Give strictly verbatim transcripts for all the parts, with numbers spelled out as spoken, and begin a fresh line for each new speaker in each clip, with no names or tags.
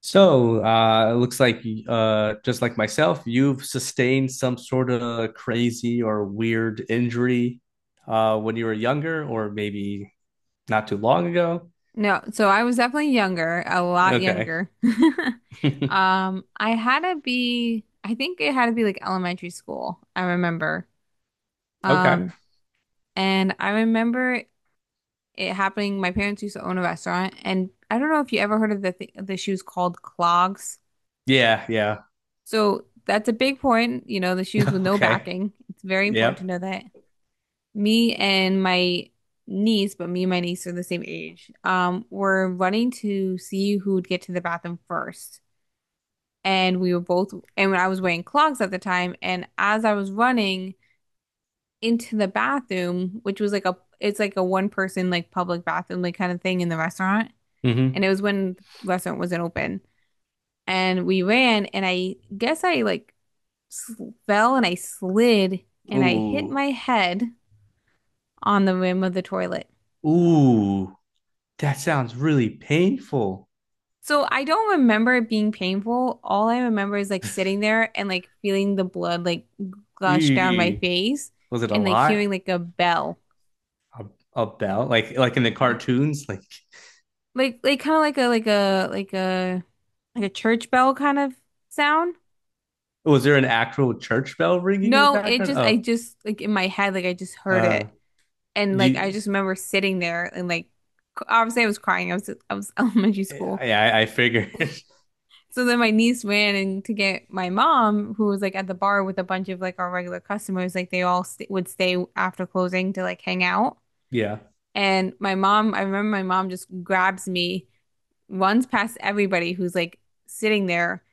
So, uh, it looks like, uh, just like myself, you've sustained some sort of crazy or weird injury, uh, when you were younger, or maybe not too long ago.
No, so I was definitely younger, a lot
Okay.
younger. Um, I had to be, I think it had to be like elementary school, I remember.
Okay.
Um, and I remember it happening. My parents used to own a restaurant, and I don't know if you ever heard of the th the shoes called clogs.
Yeah. Yeah.
So that's a big point, you know, the shoes with no
Okay.
backing. It's very important to
Yep.
know that. Me and my niece, but me and my niece are the same age, um, were running to see who would get to the bathroom first. And we were both and when I was wearing clogs at the time and as I was running into the bathroom, which was like a it's like a one person like public bathroom like kind of thing in the restaurant, and
Mm-hmm.
it was when the restaurant wasn't open, and we ran and I guess I like fell and I slid and I hit
Ooh.
my head on the rim of the toilet.
Ooh. That sounds really painful.
So I don't remember it being painful. All I remember is like sitting there and like feeling the blood like gush down my
Eee.
face
Was it a
and like
lot?
hearing like a bell.
A, a bell? Like, like in the
Like
cartoons? Like,
like, like kind of like a like a like a like a church bell kind of sound.
was there an actual church bell ringing in the
No, it
background?
just I
Oh,
just like in my head like I just heard
uh,
it, and
do
like I
you.
just remember sitting there and like c- obviously I was crying. I was I was elementary school.
Yeah, I, I figured.
So then my niece ran and to get my mom, who was like at the bar with a bunch of like our regular customers, like they all st would stay after closing to like hang out.
Yeah.
And my mom, I remember my mom just grabs me, runs past everybody who's like sitting there,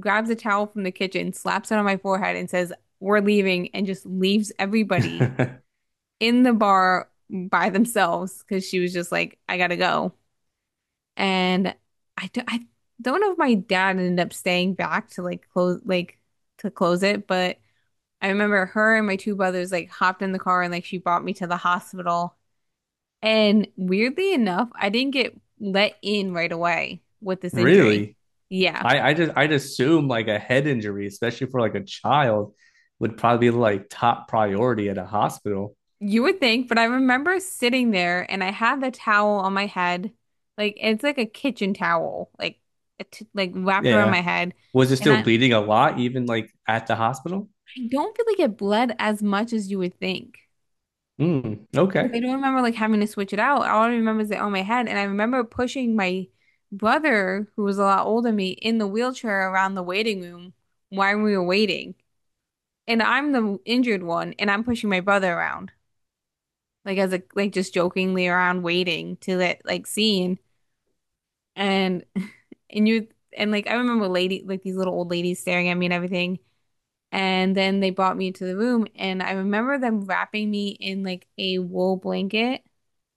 grabs a towel from the kitchen, slaps it on my forehead, and says, "We're leaving," and just leaves everybody in the bar by themselves because she was just like, "I gotta go." And I don't, I don't know if my dad ended up staying back to like close, like to close it, but I remember her and my two brothers like hopped in the car and like she brought me to the hospital. And weirdly enough, I didn't get let in right away with this injury.
Really?
Yeah,
I, I just I'd assume like a head injury, especially for like a child, would probably be like top priority at a hospital.
you would think, but I remember sitting there and I had the towel on my head. Like it's like a kitchen towel, like it, like wrapped around
Yeah.
my head.
Was it
And
still
I, I
bleeding a lot, even like at the hospital?
don't really get bled as much as you would think.
Mm,
Because I
okay.
don't remember like having to switch it out. All I remember is that on my head, and I remember pushing my brother, who was a lot older than me, in the wheelchair around the waiting room while we were waiting. And I'm the injured one, and I'm pushing my brother around, like as a like just jokingly around waiting to let like seen. And and you and like I remember lady like these little old ladies staring at me and everything. And then they brought me to the room, and I remember them wrapping me in like a wool blanket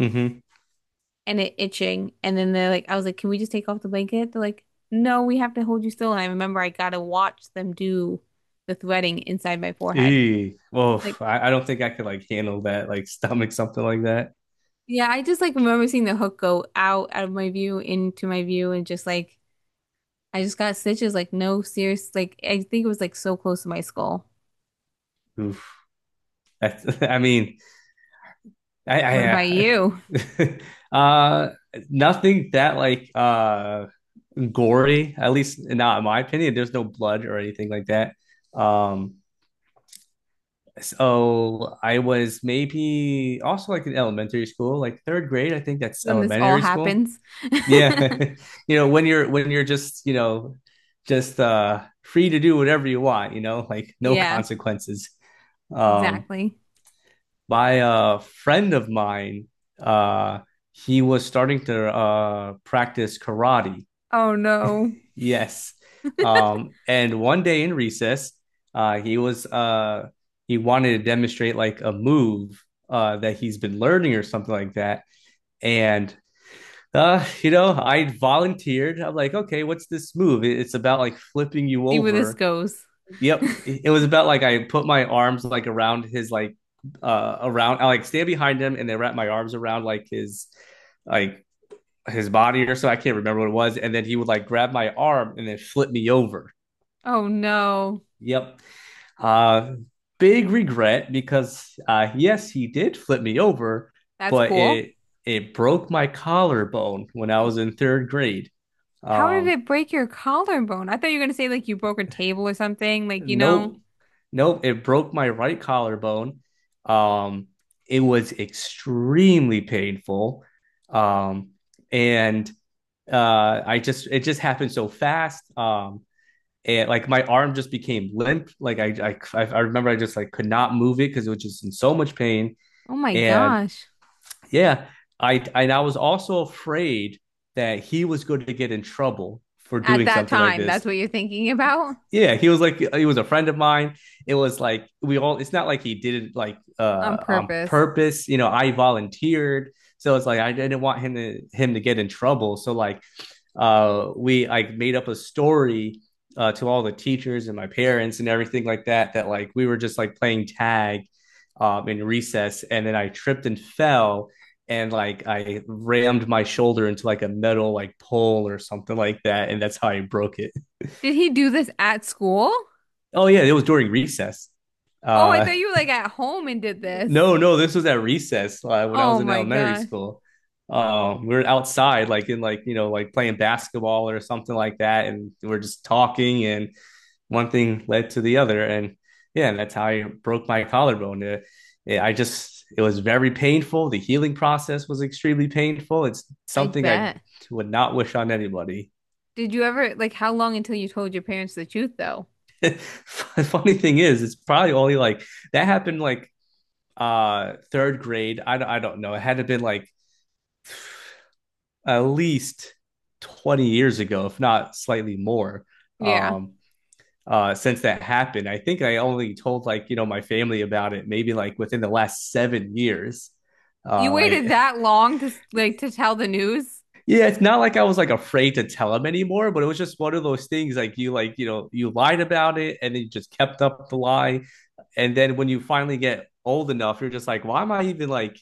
Mm-hmm.
and it itching. And then they're like, I was like, can we just take off the blanket? They're like, no, we have to hold you still. And I remember I got to watch them do the threading inside my forehead.
Eee. Well,
Like,
I, I don't think I could like handle that, like stomach something like that.
yeah, I just like remember seeing the hook go out out of my view into my view and just like I just got stitches. Like, no, serious. Like, I think it was like so close to my skull.
Oof. That's, I mean, I,
What about
I,
you?
I uh, nothing that like uh gory. At least not in my opinion. There's no blood or anything like that. Um, so I was maybe also like in elementary school, like third grade. I think that's
When this all
elementary school.
happens.
Yeah. You know, when you're when you're just, you know, just uh free to do whatever you want, you know, like no
Yeah,
consequences. Um
exactly.
by a friend of mine, uh he was starting to uh practice karate.
Oh no.
Yes. Um, and one day in recess, uh, he was uh, he wanted to demonstrate like a move uh, that he's been learning or something like that. And uh, you know, I volunteered. I'm like, okay, what's this move? It's about like flipping you
See where this
over.
goes.
Yep, it it was about like I put my arms like around his like uh around. I like stand behind him and then wrap my arms around like his like his body or so. I can't remember what it was. And then he would like grab my arm and then flip me over.
Oh no,
Yep. Uh, big regret because uh, yes, he did flip me over,
that's
but
cool.
it it broke my collarbone when I was in third grade.
How did
Um,
it break your collarbone? I thought you were gonna say like you broke a table or something, like you know.
nope, nope, it broke my right collarbone. Um, it was extremely painful, um, and uh, I just it just happened so fast. Um, and like my arm just became limp. Like I I I I remember I just like could not move it because it was just in so much pain.
Oh my
And
gosh.
yeah, I and I was also afraid that he was going to get in trouble for
At
doing
that
something like
time, that's
this.
what you're thinking about?
Yeah, he was like he was a friend of mine. It was like we all it's not like he did it like
On
uh on
purpose.
purpose, you know, I volunteered. So it's like I didn't want him to him to get in trouble. So like uh, we like made up a story uh, to all the teachers and my parents and everything like that that like we were just like playing tag um, in recess and then I tripped and fell and like I rammed my shoulder into like a metal like pole or something like that and that's how I broke it.
Did he do this at school?
Oh yeah, it was during recess.
Oh, I
uh
thought you were like at home and did this.
no, no, this was at recess uh, when I
Oh
was in
my
elementary
gosh.
school. Um we were outside like in like you know like playing basketball or something like that and we we're just talking and one thing led to the other, and yeah, and that's how I broke my collarbone. Uh, yeah, I just it was very painful. The healing process was extremely painful. It's
I
something I
bet.
would not wish on anybody.
Did you ever like how long until you told your parents the truth though?
The funny thing is, it's probably only like that happened like uh third grade. I I don't know. It had to have been like at least twenty years ago, if not slightly more.
Yeah.
Um, uh, since that happened. I think I only told like you know my family about it maybe like within the last seven years.
You
Uh, like
waited that long to like to tell the news
yeah, it's not like I was like afraid to tell them anymore, but it was just one of those things like you like you know you lied about it and then you just kept up the lie, and then when you finally get old enough, you're just like, why am I even like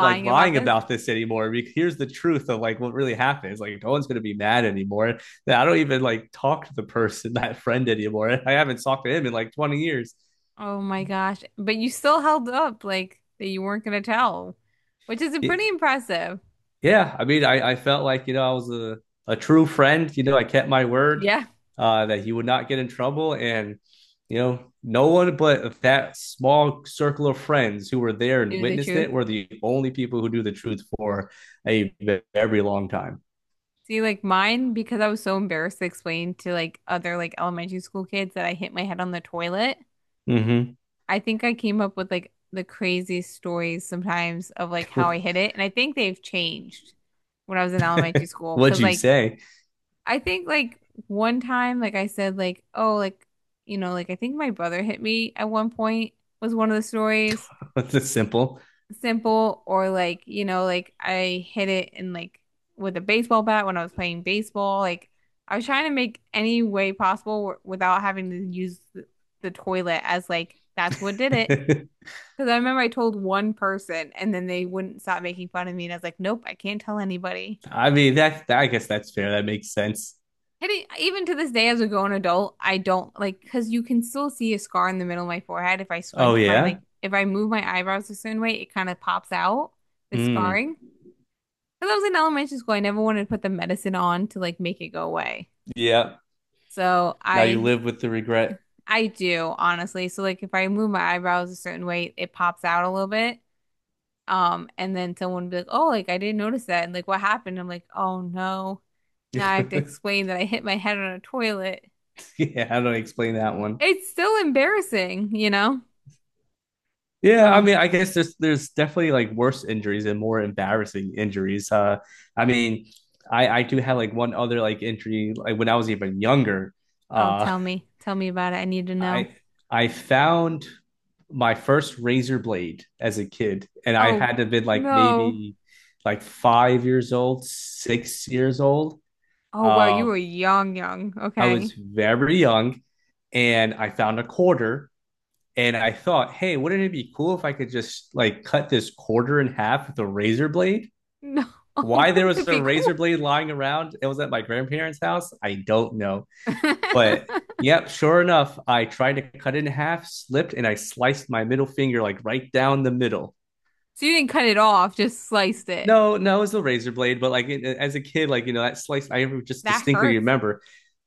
like
about
lying
this?
about this anymore. Because here's the truth of like what really happens. Like no one's gonna be mad anymore. I don't even like talk to the person, that friend anymore. I haven't talked to him in like twenty years.
Oh my gosh. But you still held up like that you weren't gonna tell, which is pretty
It,
impressive.
yeah, I mean, I, I felt like, you know, I was a, a true friend. You know, I kept my word
Yeah,
uh, that he would not get in trouble. And, you know, no one but that small circle of friends who were there and
knew the
witnessed
truth.
it were the only people who knew the truth for a very long time.
See, like mine, because I was so embarrassed to explain to like other like elementary school kids that I hit my head on the toilet,
Mm-hmm.
I think I came up with like the craziest stories sometimes of like how I hit it. And I think they've changed when I was in elementary school.
What'd
Cause
you
like
say?
I think like one time, like I said, like, oh, like, you know, like I think my brother hit me at one point was one of the stories.
That's simple.
Simple or like, you know, like I hit it in like with a baseball bat when I was playing baseball. Like I was trying to make any way possible w without having to use the, the toilet as like that's what did it. Because I remember I told one person and then they wouldn't stop making fun of me. And I was like, nope, I can't tell anybody.
I mean, that, that- I guess that's fair. That makes sense.
And it- even to this day, as a grown adult, I don't like, because you can still see a scar in the middle of my forehead if I
Oh,
scrunch my,
yeah?
like, if I move my eyebrows a certain way, it kind of pops out, the
Hmm.
scarring. Because I was in elementary school, I never wanted to put the medicine on to like make it go away.
Yeah.
So
Now you
I,
live with the regret.
I do, honestly. So like if I move my eyebrows a certain way, it pops out a little bit. Um, and then someone would be like, "Oh, like I didn't notice that." And like, "What happened?" I'm like, "Oh no."
Yeah,
Now I have to explain that I hit my head on a toilet.
how do I explain that one?
It's still embarrassing, you know?
Yeah, I
Uh,
mean, I guess there's there's definitely like worse injuries and more embarrassing injuries. Uh, I mean, I I do have like one other like injury like when I was even younger.
oh,
Uh,
tell me. Tell me about it. I need to know.
I I found my first razor blade as a kid, and I
Oh,
had to have been like
no.
maybe like five years old, six years old.
Oh, wow, you
Uh,
were young, young.
I was
Okay.
very young, and I found a quarter. And I thought, hey, wouldn't it be cool if I could just like cut this quarter in half with a razor blade?
No. Oh,
Why there
wouldn't
was
it
a
be
razor
cool?
blade lying around? It was at my grandparents' house. I don't know. But yep, sure enough, I tried to cut it in half, slipped, and I sliced my middle finger like right down the middle.
So you didn't cut it off, just sliced it.
No, no, it's a razor blade, but like it- as a kid, like you know that slice, I just
That
distinctly
hurts.
remember.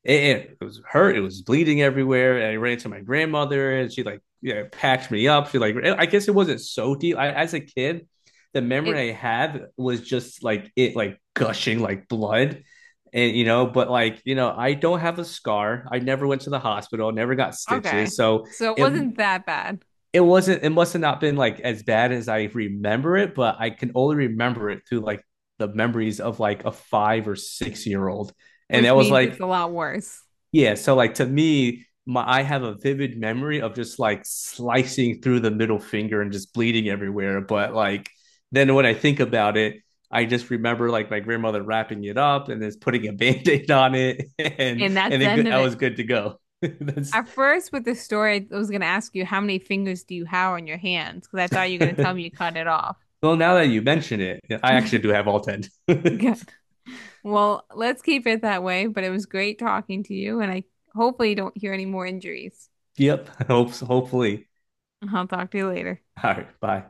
It, it was hurt. It was bleeding everywhere. And I ran to my grandmother, and she like yeah packed me up. She like I guess it wasn't so deep. I, as a kid, the
It
memory I have was just like it like gushing like blood, and you know, but like you know, I don't have a scar. I never went to the hospital. Never got
okay.
stitches. So
So it
it
wasn't that bad,
it wasn't it must have not been like as bad as I remember it, but I can only remember it through like the memories of like a five or six year old. And
which
that was
means it's
like,
a lot worse.
yeah, so like to me, my I have a vivid memory of just like slicing through the middle finger and just bleeding everywhere. But like then when I think about it, I just remember like my grandmother wrapping it up and then putting a band-aid on it and
And that's
and
the end
it
of
I
it.
was good to go. That's
At first, with the story, I was going to ask you how many fingers do you have on your hands? Because I thought you were going to tell me you cut it off.
Well, now that you mention it, I actually do have all ten.
Good. Well, let's keep it that way. But it was great talking to you, and I hopefully don't hear any more injuries.
Yep. Hopes, hopefully.
I'll talk to you later.
All right. Bye.